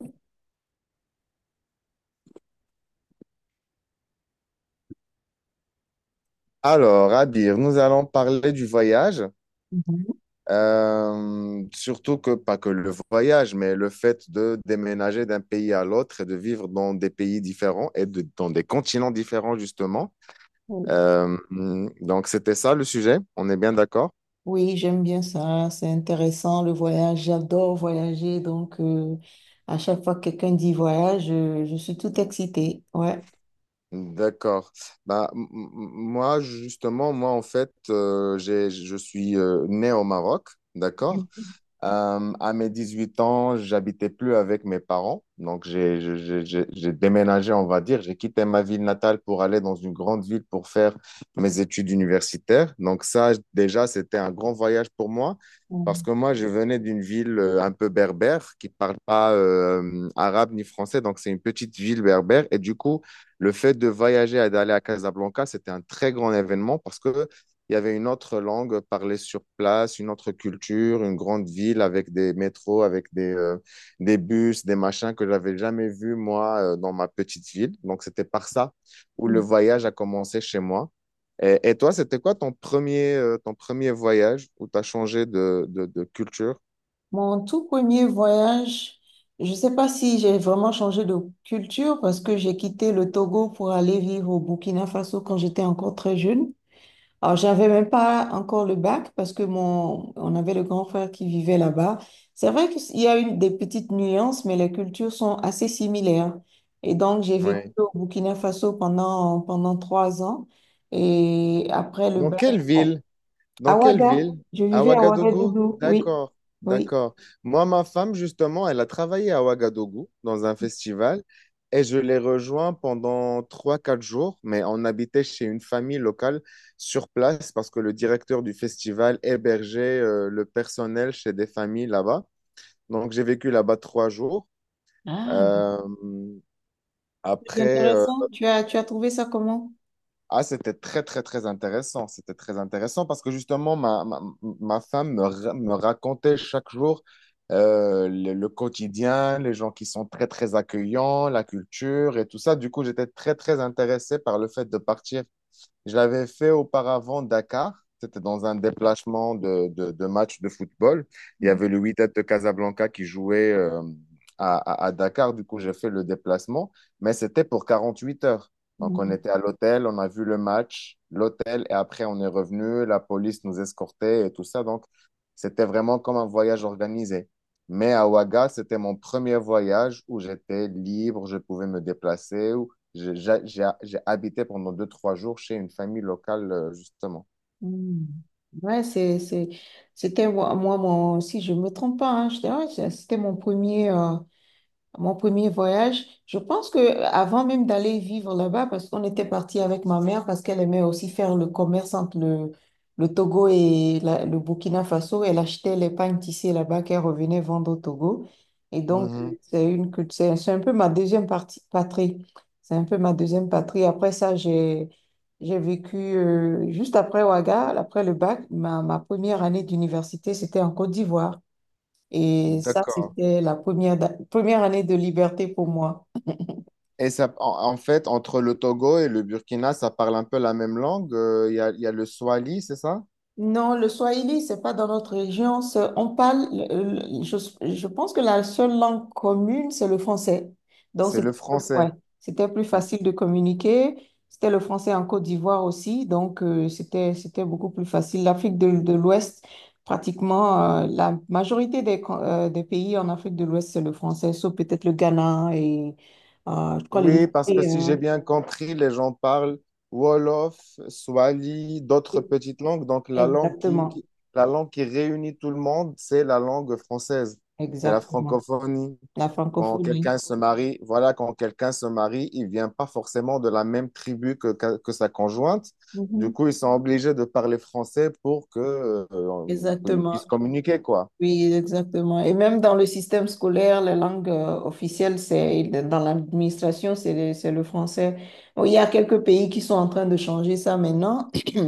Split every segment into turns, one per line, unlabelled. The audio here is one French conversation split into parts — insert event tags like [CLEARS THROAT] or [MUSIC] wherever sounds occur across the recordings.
Mhm.
Alors, Abir, nous allons parler du voyage. Surtout que, pas que le voyage, mais le fait de déménager d'un pays à l'autre et de vivre dans des pays différents et dans des continents différents, justement.
Oui,
Euh, donc, c'était ça le sujet. On est bien d'accord?
Oui, j'aime bien ça, c'est intéressant le voyage, j'adore voyager, donc à chaque fois que quelqu'un dit voyage, je suis tout excitée, ouais.
D'accord. Bah, moi, justement, moi, en fait, je suis né au Maroc, d'accord? À mes 18 ans, j'habitais plus avec mes parents. Donc, j'ai je- j'ai déménagé, on va dire. J'ai quitté ma ville natale pour aller dans une grande ville pour faire mes études universitaires. Donc, ça, déjà, c'était un grand voyage pour moi parce que moi, je venais d'une ville un peu berbère qui parle pas arabe ni français. Donc, c'est une petite ville berbère. Et du coup, le fait de voyager et d'aller à Casablanca, c'était un très grand événement parce que il y avait une autre langue parlée sur place, une autre culture, une grande ville avec des métros, avec des bus, des machins que j'avais jamais vus, moi, dans ma petite ville. Donc, c'était par ça où le
Mhm.
voyage a commencé chez moi. Et toi, c'était quoi ton premier voyage où tu as changé de culture?
Mon tout premier voyage, je ne sais pas si j'ai vraiment changé de culture parce que j'ai quitté le Togo pour aller vivre au Burkina Faso quand j'étais encore très jeune. Alors, j'avais même pas encore le bac parce que mon, on avait le grand frère qui vivait là-bas. C'est vrai qu'il y a des petites nuances, mais les cultures sont assez similaires. Et donc, j'ai vécu
Ouais.
au Burkina Faso pendant trois ans. Et après le
Dans
bac,
quelle
bon,
ville? Dans
à
quelle
Ouaga,
ville?
je
À
vivais à
Ouagadougou?
Ouagadougou, oui,
D'accord,
oui.
d'accord. Moi, ma femme, justement, elle a travaillé à Ouagadougou dans un festival et je l'ai rejoint pendant 3, 4 jours, mais on habitait chez une famille locale sur place parce que le directeur du festival hébergeait le personnel chez des familles là-bas. Donc, j'ai vécu là-bas 3 jours.
Ah,
Euh,
c'est
après,
intéressant. Tu as trouvé ça comment?
ah, c'était très, très, très intéressant. C'était très intéressant parce que justement, ma femme me racontait chaque jour le quotidien, les gens qui sont très, très accueillants, la culture et tout ça. Du coup, j'étais très, très intéressé par le fait de partir je l'avais fait auparavant Dakar. C'était dans un déplacement de match de football. Il y avait le Wydad de Casablanca qui jouait à Dakar. Du coup, j'ai fait le déplacement, mais c'était pour 48 heures. Donc, on
Mm,
était à l'hôtel, on a vu le match, l'hôtel, et après, on est revenu. La police nous escortait et tout ça. Donc, c'était vraiment comme un voyage organisé. Mais à Ouaga, c'était mon premier voyage où j'étais libre, je pouvais me déplacer, j'ai j'ai habité pendant 2, 3 jours chez une famille locale, justement.
mm. Ouais, c'est, c'était moi, si je me trompe pas, hein, je dirais, c'était mon premier. Mon premier voyage, je pense que avant même d'aller vivre là-bas, parce qu'on était parti avec ma mère, parce qu'elle aimait aussi faire le commerce entre le Togo et le Burkina Faso, elle achetait les pagnes tissées là-bas qu'elle revenait vendre au Togo. Et donc,
Mhm.
c'est c'est un peu ma deuxième partie, patrie. C'est un peu ma deuxième patrie. Après ça, j'ai vécu juste après Ouaga, après le bac, ma première année d'université, c'était en Côte d'Ivoire. Et ça,
D'accord.
c'était la première, première année de liberté pour moi.
Et ça, en, en fait, entre le Togo et le Burkina, ça parle un peu la même langue. Il y a le Swahili, c'est ça?
Non, le swahili, c'est pas dans notre région. On parle, je pense que la seule langue commune, c'est le français. Donc,
C'est le
c'était
français.
ouais, c'était plus facile de communiquer. C'était le français en Côte d'Ivoire aussi. Donc, c'était beaucoup plus facile. L'Afrique de l'Ouest, pratiquement, la majorité des pays en Afrique de l'Ouest, c'est le français, sauf peut-être le Ghana et, je crois, les
Oui, parce que si j'ai
Nigériens.
bien compris, les gens parlent Wolof, Swahili, d'autres petites langues. Donc,
Exactement,
la langue qui réunit tout le monde, c'est la langue française. C'est la
exactement.
francophonie.
La
Quand
francophonie.
quelqu'un se marie, voilà, quand quelqu'un se marie, il vient pas forcément de la même tribu que sa conjointe. Du
Mhm.
coup, ils sont obligés de parler français pour que, pour qu'ils
Exactement,
puissent communiquer, quoi.
oui, exactement. Et même dans le système scolaire, la langue officielle, c'est dans l'administration, c'est le français. Bon, il y a quelques pays qui sont en train de changer ça maintenant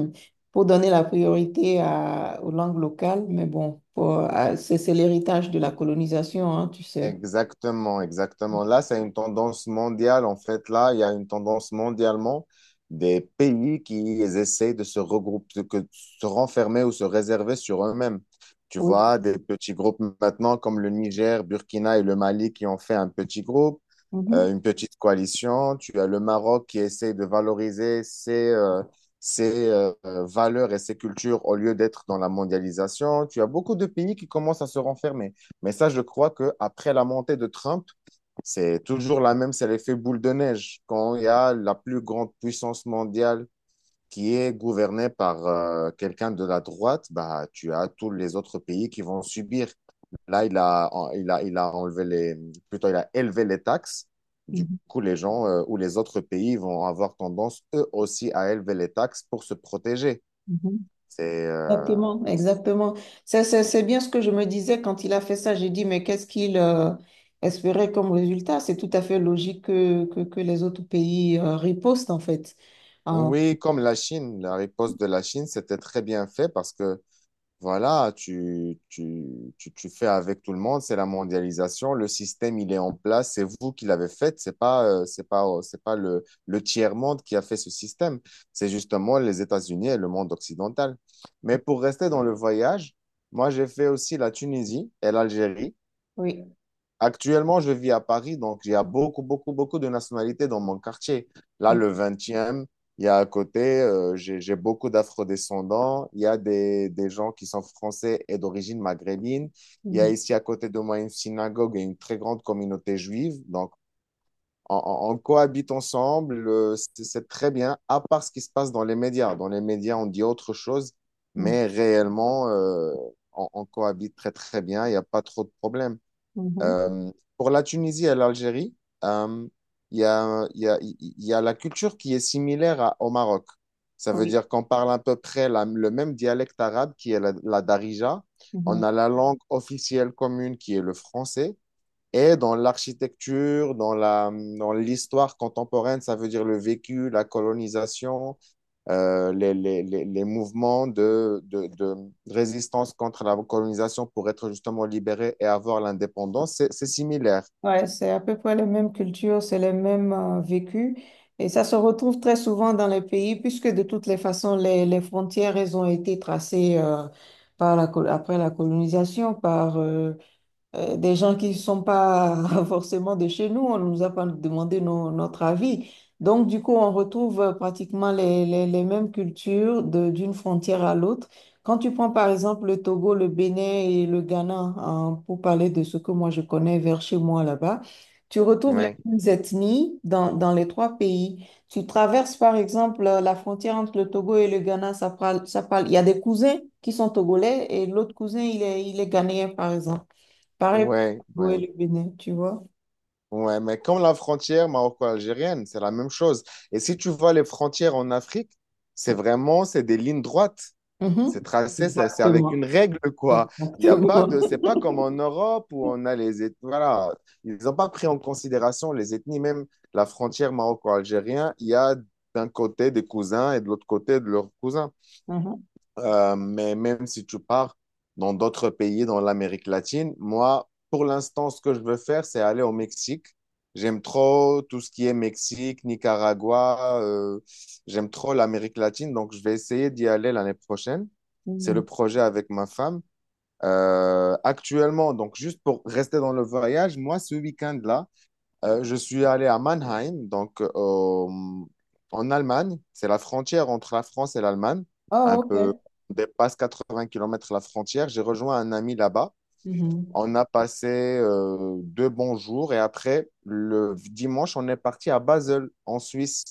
[CLEARS THROAT] pour donner la priorité aux langues locales. Mais bon, c'est l'héritage de la colonisation, hein, tu sais.
Exactement, exactement. Là, c'est une tendance mondiale. En fait, là, il y a une tendance mondialement des pays qui essaient de se regrouper, que, se renfermer ou se réserver sur eux-mêmes. Tu
Oui.
vois, des petits groupes maintenant comme le Niger, Burkina et le Mali qui ont fait un petit groupe.
Mhm.
Une petite coalition. Tu as le Maroc qui essaie de valoriser ses, ses valeurs et ses cultures au lieu d'être dans la mondialisation. Tu as beaucoup de pays qui commencent à se renfermer. Mais ça, je crois qu'après la montée de Trump, c'est toujours la même, c'est l'effet boule de neige. Quand il y a la plus grande puissance mondiale qui est gouvernée par quelqu'un de la droite, bah, tu as tous les autres pays qui vont subir. Là, il a enlevé les, plutôt, il a élevé les taxes. Du
Mhm.
coup, les gens ou les autres pays vont avoir tendance, eux aussi, à élever les taxes pour se protéger.
Mhm.
C'est, euh,
Exactement, exactement. C'est bien ce que je me disais quand il a fait ça. J'ai dit, mais qu'est-ce qu'il espérait comme résultat? C'est tout à fait logique que les autres pays ripostent, en fait. Ah,
Oui, comme la Chine, la riposte de la Chine, c'était très bien fait parce que voilà, tu fais avec tout le monde, c'est la mondialisation, le système, il est en place, c'est vous qui l'avez fait, c'est pas le tiers-monde qui a fait ce système, c'est justement les États-Unis et le monde occidental. Mais pour rester dans le voyage, moi j'ai fait aussi la Tunisie et l'Algérie.
oui.
Actuellement, je vis à Paris, donc il y a beaucoup, beaucoup, beaucoup de nationalités dans mon quartier. Là, le 20, il y a à côté, j'ai beaucoup d'afro-descendants. Il y a des gens qui sont français et d'origine maghrébine. Il y a
Mhm,
ici à côté de moi une synagogue et une très grande communauté juive. Donc, on cohabite ensemble. C'est très bien, à part ce qui se passe dans les médias. Dans les médias, on dit autre chose,
mhm,
mais réellement, on cohabite très, très bien. Il n'y a pas trop de problèmes.
mhm,
Pour la Tunisie et l'Algérie, euh, il y a la culture qui est similaire au Maroc. Ça veut
oui.
dire qu'on parle à peu près le même dialecte arabe qui est la Darija.
Mhm.
On a la langue officielle commune qui est le français. Et dans l'architecture, dans l'histoire contemporaine, ça veut dire le vécu, la colonisation, les mouvements de résistance contre la colonisation pour être justement libérés et avoir l'indépendance, c'est similaire.
Ouais, c'est à peu près les mêmes cultures, c'est les mêmes vécus. Et ça se retrouve très souvent dans les pays, puisque de toutes les façons, les frontières, elles ont été tracées par après la colonisation, des gens qui ne sont pas [LAUGHS] forcément de chez nous, on ne nous a pas demandé notre avis. Donc, du coup, on retrouve pratiquement les mêmes cultures d'une frontière à l'autre. Quand tu prends par exemple le Togo, le Bénin et le Ghana, hein, pour parler de ce que moi je connais vers chez moi là-bas, tu retrouves les
Oui,
mêmes ethnies dans les trois pays. Tu traverses par exemple la frontière entre le Togo et le Ghana, ça parle, ça parle. Il y a des cousins qui sont togolais et l'autre cousin, il est ghanéen par exemple. Pareil
oui,
pour le Togo
oui.
et le Bénin, tu vois?
Ouais, mais comme la frontière maroco-algérienne, c'est la même chose. Et si tu vois les frontières en Afrique, c'est vraiment, c'est des lignes droites.
Mhm.
C'est tracé, c'est avec
Exactement.
une règle, quoi. Il n'y a pas
Exactement.
de, c'est pas
[LAUGHS]
comme en Europe où on a les ethnies. Voilà, ils n'ont pas pris en considération les ethnies, même la frontière maroco-algérienne. Il y a d'un côté des cousins et de l'autre côté de leurs cousins.
Mhm.
Mais même si tu pars dans d'autres pays, dans l'Amérique latine, moi, pour l'instant, ce que je veux faire, c'est aller au Mexique. J'aime trop tout ce qui est Mexique, Nicaragua. J'aime trop l'Amérique latine, donc je vais essayer d'y aller l'année prochaine. C'est le
Mhm.
projet avec ma femme. Actuellement, donc juste pour rester dans le voyage, moi, ce week-end-là, je suis allé à Mannheim, donc en Allemagne. C'est la frontière entre la France et l'Allemagne.
Oh,
Un peu,
ok.
on dépasse 80 km la frontière. J'ai rejoint un ami là-bas.
Mhm.
On a passé 2 bons jours et après, le dimanche, on est parti à Basel, en Suisse.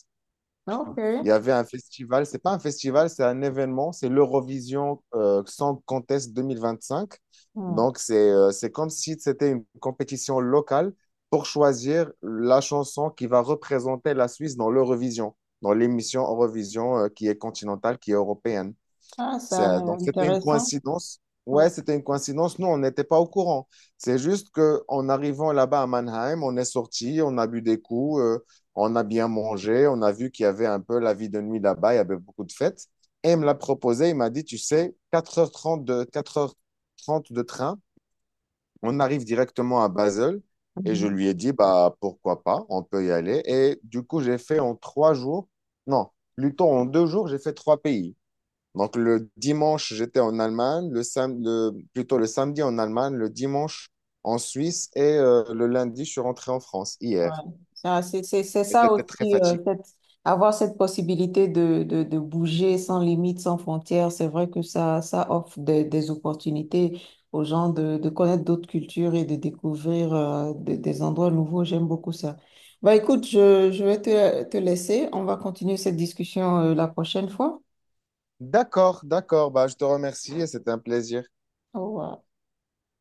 Ok.
Il y avait un festival, c'est pas un festival, c'est un événement, c'est l'Eurovision Song Contest 2025.
Mhm.
Donc, c'est comme si c'était une compétition locale pour choisir la chanson qui va représenter la Suisse dans l'Eurovision, dans l'émission Eurovision qui est continentale, qui est européenne.
Ah, ça a l'air
Donc, c'était une
intéressant.
coïncidence.
Ouais.
Ouais, c'était une coïncidence. Nous, on n'était pas au courant. C'est juste que en arrivant là-bas à Mannheim, on est sorti, on a bu des coups, on a bien mangé, on a vu qu'il y avait un peu la vie de nuit là-bas, il y avait beaucoup de fêtes. Et il me l'a proposé, il m'a dit, tu sais, 4h30 de train, on arrive directement à Basel. Et je lui ai dit, bah, pourquoi pas, on peut y aller. Et du coup, j'ai fait en 3 jours, non, plutôt en 2 jours, j'ai fait trois pays. Donc le dimanche, j'étais en Allemagne, plutôt le samedi en Allemagne, le dimanche en Suisse et le lundi, je suis rentré en France
Ouais.
hier.
Ça, c'est
Et
ça
c'était très
aussi,
fatigué.
avoir cette possibilité de bouger sans limite, sans frontières, c'est vrai que ça offre des opportunités aux gens de connaître d'autres cultures et de découvrir des endroits nouveaux. J'aime beaucoup ça. Bah, écoute, je vais te laisser. On va continuer cette discussion la prochaine fois.
D'accord, d'accord. Bah, je te remercie et c'était un plaisir.
Au revoir.